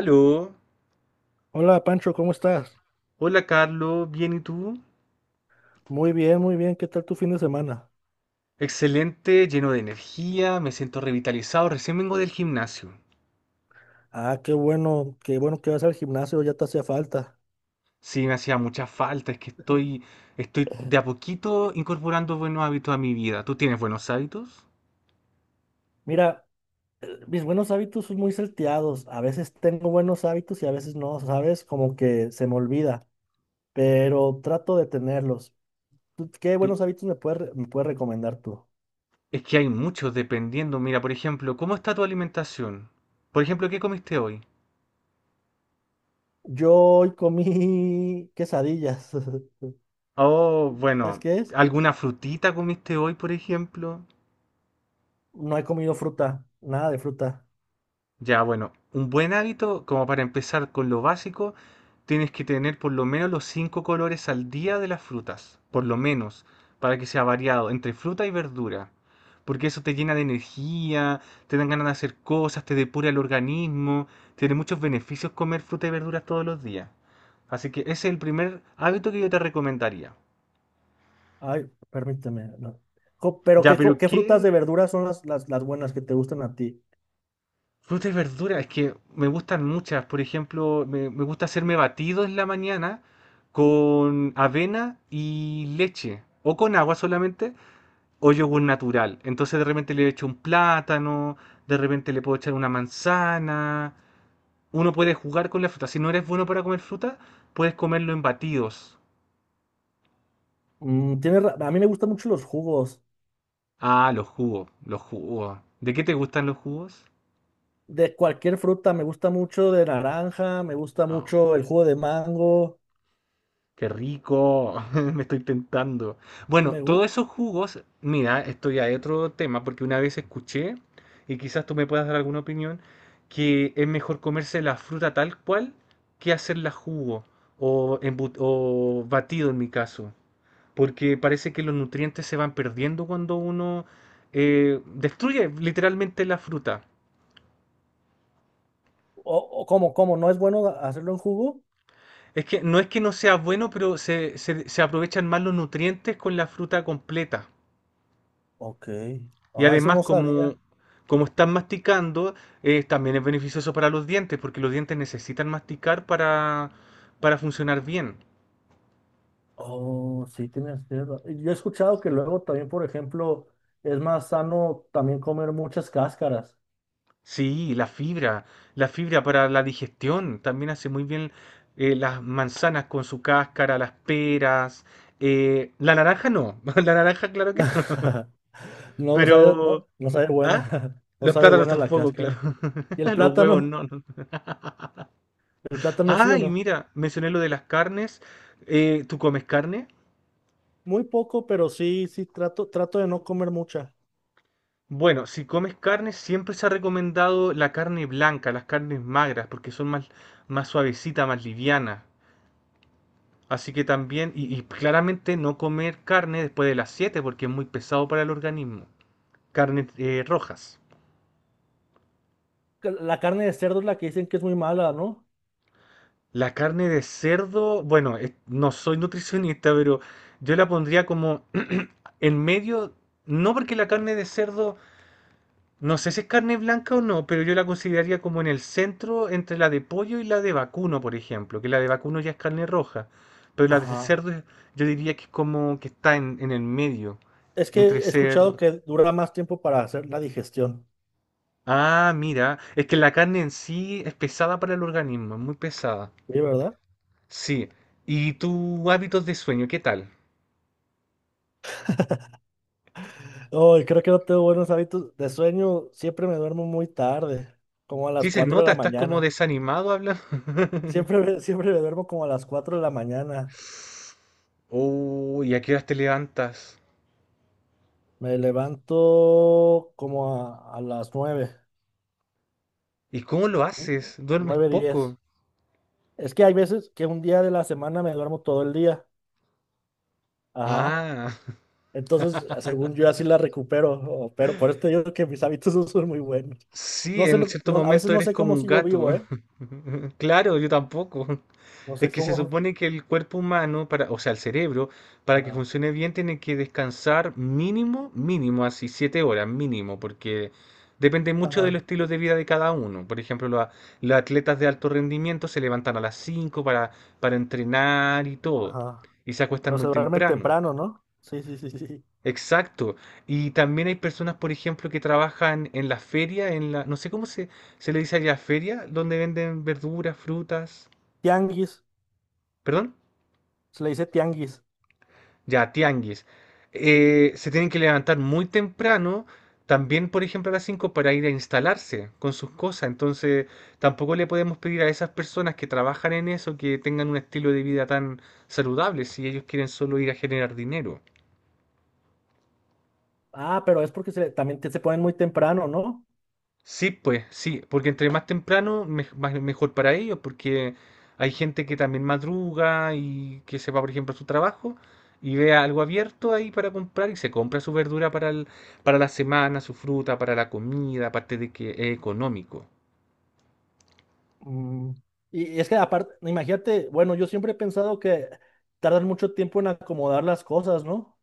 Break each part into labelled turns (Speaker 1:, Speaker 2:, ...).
Speaker 1: Aló,
Speaker 2: Hola Pancho, ¿cómo estás?
Speaker 1: hola Carlos, ¿bien y tú?
Speaker 2: Muy bien, muy bien. ¿Qué tal tu fin de semana?
Speaker 1: Excelente, lleno de energía, me siento revitalizado, recién vengo del gimnasio.
Speaker 2: Ah, qué bueno que vas al gimnasio, ya te hacía falta.
Speaker 1: Sí, me hacía mucha falta, es que estoy de a poquito incorporando buenos hábitos a mi vida. ¿Tú tienes buenos hábitos?
Speaker 2: Mira, mis buenos hábitos son muy salteados. A veces tengo buenos hábitos y a veces no, ¿sabes? Como que se me olvida, pero trato de tenerlos. ¿Tú ¿Qué
Speaker 1: Y
Speaker 2: buenos hábitos me puedes recomendar tú?
Speaker 1: es que hay muchos dependiendo. Mira, por ejemplo, ¿cómo está tu alimentación? Por ejemplo, ¿qué comiste hoy?
Speaker 2: Yo hoy comí quesadillas.
Speaker 1: Oh,
Speaker 2: ¿Sabes
Speaker 1: bueno,
Speaker 2: qué es?
Speaker 1: ¿alguna frutita comiste hoy, por ejemplo?
Speaker 2: No he comido fruta, nada de fruta.
Speaker 1: Ya, bueno, un buen hábito, como para empezar con lo básico, tienes que tener por lo menos los 5 colores al día de las frutas, por lo menos, para que sea variado entre fruta y verdura, porque eso te llena de energía, te dan ganas de hacer cosas, te depura el organismo, tiene muchos beneficios comer fruta y verduras todos los días. Así que ese es el primer hábito que yo te recomendaría.
Speaker 2: Ay, permíteme. No. Jo, pero
Speaker 1: Ya,
Speaker 2: ¿qué,
Speaker 1: pero
Speaker 2: co- qué frutas
Speaker 1: ¿qué?
Speaker 2: de verduras son las buenas que te gustan a ti?
Speaker 1: Frutas y verduras, es que me gustan muchas. Por ejemplo, me gusta hacerme batidos en la mañana con avena y leche, o con agua solamente, o yogur natural. Entonces de repente le echo un plátano, de repente le puedo echar una manzana. Uno puede jugar con la fruta. Si no eres bueno para comer fruta, puedes comerlo en batidos.
Speaker 2: A mí me gustan mucho los jugos
Speaker 1: Ah, los jugos, los jugos. ¿De qué te gustan los jugos?
Speaker 2: de cualquier fruta. Me gusta mucho de naranja, me gusta mucho el jugo de mango.
Speaker 1: Qué rico, me estoy tentando. Bueno,
Speaker 2: Me, gu-
Speaker 1: todos esos jugos, mira, esto ya es otro tema, porque una vez escuché, y quizás tú me puedas dar alguna opinión, que es mejor comerse la fruta tal cual que hacerla jugo o, o batido en mi caso, porque parece que los nutrientes se van perdiendo cuando uno destruye literalmente la fruta.
Speaker 2: o cómo? ¿No es bueno hacerlo en jugo?
Speaker 1: Es que no sea bueno, pero se aprovechan más los nutrientes con la fruta completa.
Speaker 2: Ok.
Speaker 1: Y
Speaker 2: Ah, eso
Speaker 1: además,
Speaker 2: no
Speaker 1: como,
Speaker 2: sabía.
Speaker 1: como están masticando, también es beneficioso para los dientes, porque los dientes necesitan masticar para funcionar bien.
Speaker 2: Oh, sí, y yo he escuchado que luego también, por ejemplo, es más sano también comer muchas cáscaras.
Speaker 1: Sí, la fibra para la digestión, también hace muy bien las manzanas con su cáscara, las peras, la naranja no, la naranja claro que no,
Speaker 2: No, no sabe.
Speaker 1: pero...
Speaker 2: No, no sabe
Speaker 1: ¿Ah?
Speaker 2: buena. No
Speaker 1: Los
Speaker 2: sabe
Speaker 1: plátanos
Speaker 2: buena la
Speaker 1: tampoco, claro.
Speaker 2: cáscara. ¿Y el
Speaker 1: Los huevos
Speaker 2: plátano?
Speaker 1: no, no.
Speaker 2: ¿El plátano sí
Speaker 1: Ah,
Speaker 2: o
Speaker 1: y
Speaker 2: no?
Speaker 1: mira, mencioné lo de las carnes. ¿ tú comes carne?
Speaker 2: Muy poco, pero sí, sí, trato de no comer mucha.
Speaker 1: Bueno, si comes carne, siempre se ha recomendado la carne blanca, las carnes magras, porque son más, más suavecitas, más livianas. Así que también, y claramente no comer carne después de las 7 porque es muy pesado para el organismo. Carnes rojas.
Speaker 2: Que La carne de cerdo es la que dicen que es muy mala, ¿no?
Speaker 1: La carne de cerdo, bueno, no soy nutricionista, pero yo la pondría como en medio, no porque la carne de cerdo no sé si es carne blanca o no, pero yo la consideraría como en el centro entre la de pollo y la de vacuno, por ejemplo, que la de vacuno ya es carne roja, pero la de
Speaker 2: Ajá.
Speaker 1: cerdo yo diría que es como que está en el medio,
Speaker 2: Es que
Speaker 1: entre
Speaker 2: he escuchado
Speaker 1: ser...
Speaker 2: que dura más tiempo para hacer la digestión.
Speaker 1: Ah, mira, es que la carne en sí es pesada para el organismo, es muy pesada.
Speaker 2: Sí, ¿verdad?
Speaker 1: Sí, ¿y tus hábitos de sueño, qué tal?
Speaker 2: Ay, creo que no tengo buenos hábitos de sueño. Siempre me duermo muy tarde, como a las
Speaker 1: Sí, se
Speaker 2: 4 de
Speaker 1: nota,
Speaker 2: la
Speaker 1: estás como
Speaker 2: mañana.
Speaker 1: desanimado hablando.
Speaker 2: Siempre me duermo como a las 4 de la mañana.
Speaker 1: Oh, ¿y a qué horas te levantas?
Speaker 2: Me levanto como a las nueve,
Speaker 1: ¿Y cómo lo haces? ¿Duermes
Speaker 2: nueve
Speaker 1: poco?
Speaker 2: 10. Es que hay veces que un día de la semana me duermo todo el día. Ajá.
Speaker 1: Ah.
Speaker 2: Entonces, según yo, así la recupero. Pero por esto te digo que mis hábitos no son muy buenos. No
Speaker 1: Sí,
Speaker 2: sé,
Speaker 1: en cierto
Speaker 2: a veces
Speaker 1: momento
Speaker 2: no
Speaker 1: eres
Speaker 2: sé
Speaker 1: como
Speaker 2: cómo
Speaker 1: un
Speaker 2: sigo vivo,
Speaker 1: gato.
Speaker 2: ¿eh?
Speaker 1: Claro, yo tampoco.
Speaker 2: No sé
Speaker 1: Es que se
Speaker 2: cómo.
Speaker 1: supone que el cuerpo humano, para, o sea, el cerebro, para que
Speaker 2: Ajá.
Speaker 1: funcione bien, tiene que descansar mínimo, mínimo, así, 7 horas mínimo, porque depende mucho de
Speaker 2: Ajá.
Speaker 1: los estilos de vida de cada uno. Por ejemplo, los atletas de alto rendimiento se levantan a las 5 para entrenar y todo,
Speaker 2: Ajá.
Speaker 1: y se acuestan
Speaker 2: Pero se
Speaker 1: muy
Speaker 2: duermen
Speaker 1: temprano.
Speaker 2: temprano, ¿no? Sí, sí, sí, sí, sí.
Speaker 1: Exacto. Y también hay personas, por ejemplo, que trabajan en la feria, en la, no sé cómo se, se le dice allá, feria, donde venden verduras, frutas,
Speaker 2: Tianguis.
Speaker 1: perdón,
Speaker 2: Se le dice tianguis.
Speaker 1: ya, tianguis. Se tienen que levantar muy temprano, también, por ejemplo, a las 5 para ir a instalarse con sus cosas. Entonces, tampoco le podemos pedir a esas personas que trabajan en eso que tengan un estilo de vida tan saludable si ellos quieren solo ir a generar dinero.
Speaker 2: Ah, pero es porque se ponen muy temprano, ¿no?
Speaker 1: Sí, pues, sí, porque entre más temprano, mejor para ellos, porque hay gente que también madruga y que se va, por ejemplo, a su trabajo y ve algo abierto ahí para comprar y se compra su verdura para la semana, su fruta, para la comida, aparte de que es económico.
Speaker 2: Mm, Y es que aparte, imagínate, bueno, yo siempre he pensado que tardan mucho tiempo en acomodar las cosas, ¿no?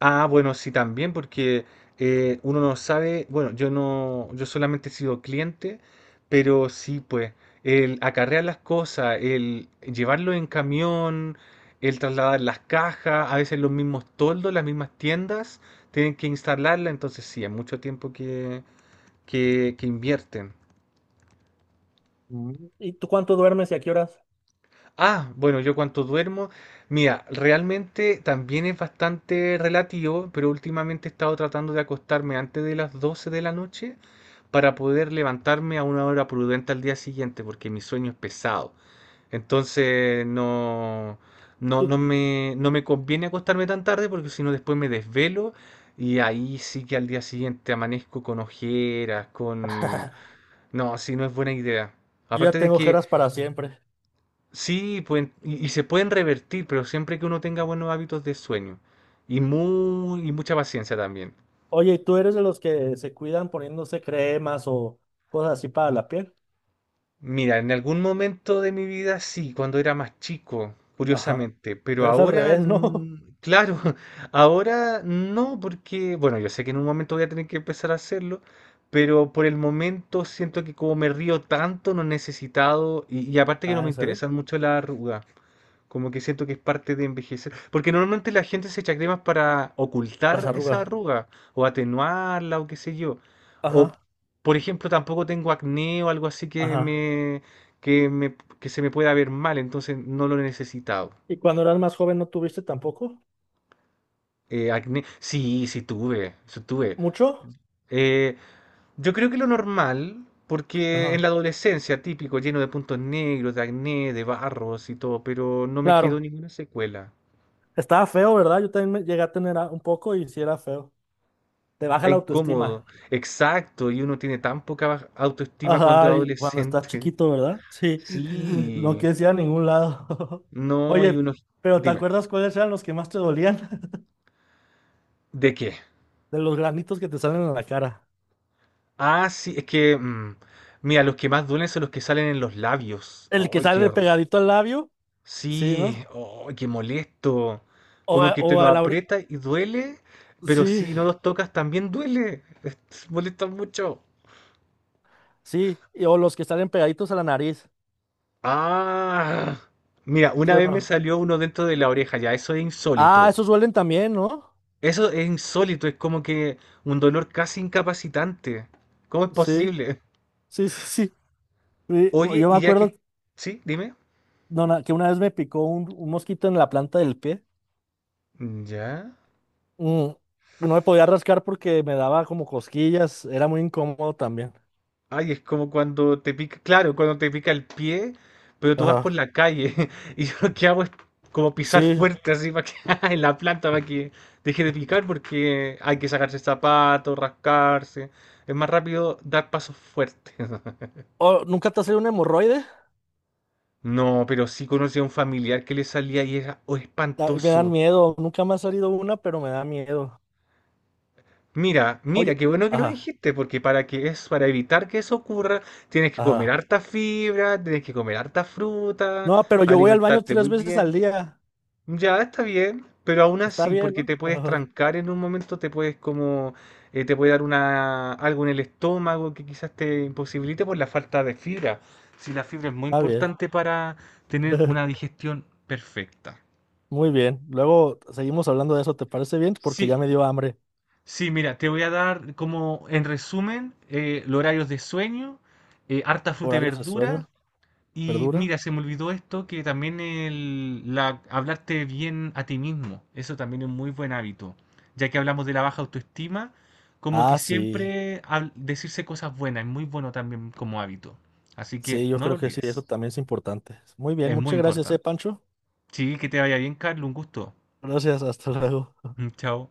Speaker 1: Ah, bueno, sí, también, porque uno no sabe, bueno, yo no, yo solamente he sido cliente, pero sí, pues, el acarrear las cosas, el llevarlo en camión, el trasladar las cajas, a veces los mismos toldos, las mismas tiendas, tienen que instalarla, entonces sí, es mucho tiempo que, que invierten.
Speaker 2: Mm. ¿Y tú cuánto duermes y a qué horas?
Speaker 1: Ah, bueno, yo cuánto duermo. Mira, realmente también es bastante relativo, pero últimamente he estado tratando de acostarme antes de las 12 de la noche para poder levantarme a una hora prudente al día siguiente, porque mi sueño es pesado. Entonces no, no,
Speaker 2: Tú,
Speaker 1: no me conviene acostarme tan tarde porque si no después me desvelo y ahí sí que al día siguiente amanezco con ojeras, con... No, así no es buena idea.
Speaker 2: yo ya
Speaker 1: Aparte de
Speaker 2: tengo
Speaker 1: que
Speaker 2: ojeras para siempre.
Speaker 1: sí, y se pueden revertir, pero siempre que uno tenga buenos hábitos de sueño y, muy, y mucha paciencia también.
Speaker 2: Oye, ¿y tú eres de los que se cuidan poniéndose cremas o cosas así para la piel?
Speaker 1: Mira, en algún momento de mi vida sí, cuando era más chico,
Speaker 2: Ajá.
Speaker 1: curiosamente, pero
Speaker 2: Pero es al
Speaker 1: ahora,
Speaker 2: revés, ¿no?
Speaker 1: mm, claro, ahora no, porque, bueno, yo sé que en un momento voy a tener que empezar a hacerlo, pero por el momento siento que como me río tanto, no he necesitado, y aparte que no
Speaker 2: Ah,
Speaker 1: me
Speaker 2: ¿en serio?
Speaker 1: interesan mucho las arrugas. Como que siento que es parte de envejecer. Porque normalmente la gente se echa cremas para
Speaker 2: Las
Speaker 1: ocultar esa
Speaker 2: arrugas.
Speaker 1: arruga o atenuarla o qué sé yo. O,
Speaker 2: Ajá,
Speaker 1: por ejemplo, tampoco tengo acné o algo así
Speaker 2: ajá.
Speaker 1: que se me pueda ver mal, entonces no lo he necesitado.
Speaker 2: ¿Y cuando eras más joven no tuviste tampoco?
Speaker 1: Acné, sí, sí tuve.
Speaker 2: ¿Mucho?
Speaker 1: Eh, yo creo que lo normal, porque en la
Speaker 2: Ajá.
Speaker 1: adolescencia típico, lleno de puntos negros, de acné, de barros y todo, pero no me quedó
Speaker 2: Claro.
Speaker 1: ninguna secuela.
Speaker 2: Estaba feo, ¿verdad? Yo también me llegué a tener un poco y sí era feo. Te baja
Speaker 1: Es
Speaker 2: la
Speaker 1: incómodo,
Speaker 2: autoestima.
Speaker 1: exacto, y uno tiene tan poca autoestima cuando es
Speaker 2: Ajá, y cuando estás
Speaker 1: adolescente.
Speaker 2: chiquito, ¿verdad? Sí, no
Speaker 1: Sí,
Speaker 2: quieres ir a ningún lado.
Speaker 1: no, y
Speaker 2: Oye,
Speaker 1: uno...
Speaker 2: pero ¿te
Speaker 1: Dime,
Speaker 2: acuerdas cuáles eran los que más te dolían?
Speaker 1: ¿de qué?
Speaker 2: De los granitos que te salen en la cara.
Speaker 1: Ah, sí, es que... mira, los que más duelen son los que salen en los labios.
Speaker 2: El que
Speaker 1: ¡Ay, qué
Speaker 2: sale
Speaker 1: horror!
Speaker 2: pegadito al labio, sí, ¿no?
Speaker 1: Sí, ¡ay, qué molesto!
Speaker 2: O, a
Speaker 1: Como que te
Speaker 2: o
Speaker 1: lo
Speaker 2: a la ore-
Speaker 1: aprietas y duele, pero
Speaker 2: Sí,
Speaker 1: si no los tocas también duele. Molesta mucho.
Speaker 2: sí, o los que salen pegaditos a la nariz,
Speaker 1: Ah, mira, una
Speaker 2: ¿sí o
Speaker 1: vez me
Speaker 2: no?
Speaker 1: salió uno dentro de la oreja, ya, eso es
Speaker 2: Ah,
Speaker 1: insólito.
Speaker 2: esos duelen también, ¿no?
Speaker 1: Eso es insólito, es como que un dolor casi incapacitante. ¿Cómo es
Speaker 2: Sí,
Speaker 1: posible?
Speaker 2: sí, sí, sí. Sí,
Speaker 1: Oye,
Speaker 2: yo me
Speaker 1: y ya
Speaker 2: acuerdo
Speaker 1: que... Sí, dime.
Speaker 2: no, na- que una vez me picó un mosquito en la planta del pie.
Speaker 1: Mm, ya.
Speaker 2: Mm, no me podía rascar porque me daba como cosquillas, era muy incómodo también.
Speaker 1: Ay, es como cuando te pica, claro, cuando te pica el pie, pero tú vas por
Speaker 2: Ajá,
Speaker 1: la calle y yo lo que hago es como pisar
Speaker 2: sí.
Speaker 1: fuerte así para que en la planta para que deje de picar porque hay que sacarse zapatos, rascarse. Es más rápido dar pasos fuertes.
Speaker 2: Oh, ¿nunca te ha salido un hemorroide?
Speaker 1: No, pero sí conocí a un familiar que le salía y era oh,
Speaker 2: Me dan
Speaker 1: espantoso.
Speaker 2: miedo, nunca me ha salido una, pero me da miedo.
Speaker 1: Mira, mira,
Speaker 2: Oye,
Speaker 1: qué bueno que lo
Speaker 2: ajá,
Speaker 1: dijiste, porque para que es, para evitar que eso ocurra, tienes que comer
Speaker 2: ajá.
Speaker 1: harta fibra, tienes que comer harta fruta,
Speaker 2: No, pero yo voy al baño
Speaker 1: alimentarte
Speaker 2: 3
Speaker 1: muy
Speaker 2: veces al
Speaker 1: bien.
Speaker 2: día.
Speaker 1: Ya está bien, pero aún
Speaker 2: Está
Speaker 1: así,
Speaker 2: bien,
Speaker 1: porque
Speaker 2: ¿no?
Speaker 1: te puedes
Speaker 2: Ajá,
Speaker 1: trancar en un momento, te puede dar una, algo en el estómago que quizás te imposibilite por la falta de fibra. Si la fibra es muy
Speaker 2: está bien.
Speaker 1: importante para tener una digestión perfecta.
Speaker 2: Muy bien. Luego seguimos hablando de eso, ¿te parece bien? Porque ya
Speaker 1: Sí,
Speaker 2: me dio hambre.
Speaker 1: sí, mira, te voy a dar como en resumen los horarios de sueño, harta fruta y
Speaker 2: Horarios de
Speaker 1: verdura.
Speaker 2: sueño,
Speaker 1: Y
Speaker 2: ¿verdura?
Speaker 1: mira, se me olvidó esto, que también hablarte bien a ti mismo, eso también es un muy buen hábito. Ya que hablamos de la baja autoestima, como que
Speaker 2: Ah, sí.
Speaker 1: siempre decirse cosas buenas es muy bueno también como hábito. Así que
Speaker 2: Sí, yo
Speaker 1: no lo
Speaker 2: creo que sí, eso
Speaker 1: olvides,
Speaker 2: también es importante. Muy bien,
Speaker 1: es muy
Speaker 2: muchas gracias,
Speaker 1: importante.
Speaker 2: Pancho.
Speaker 1: Sí, que te vaya bien, Carlos, un gusto.
Speaker 2: Gracias, hasta luego.
Speaker 1: Chao.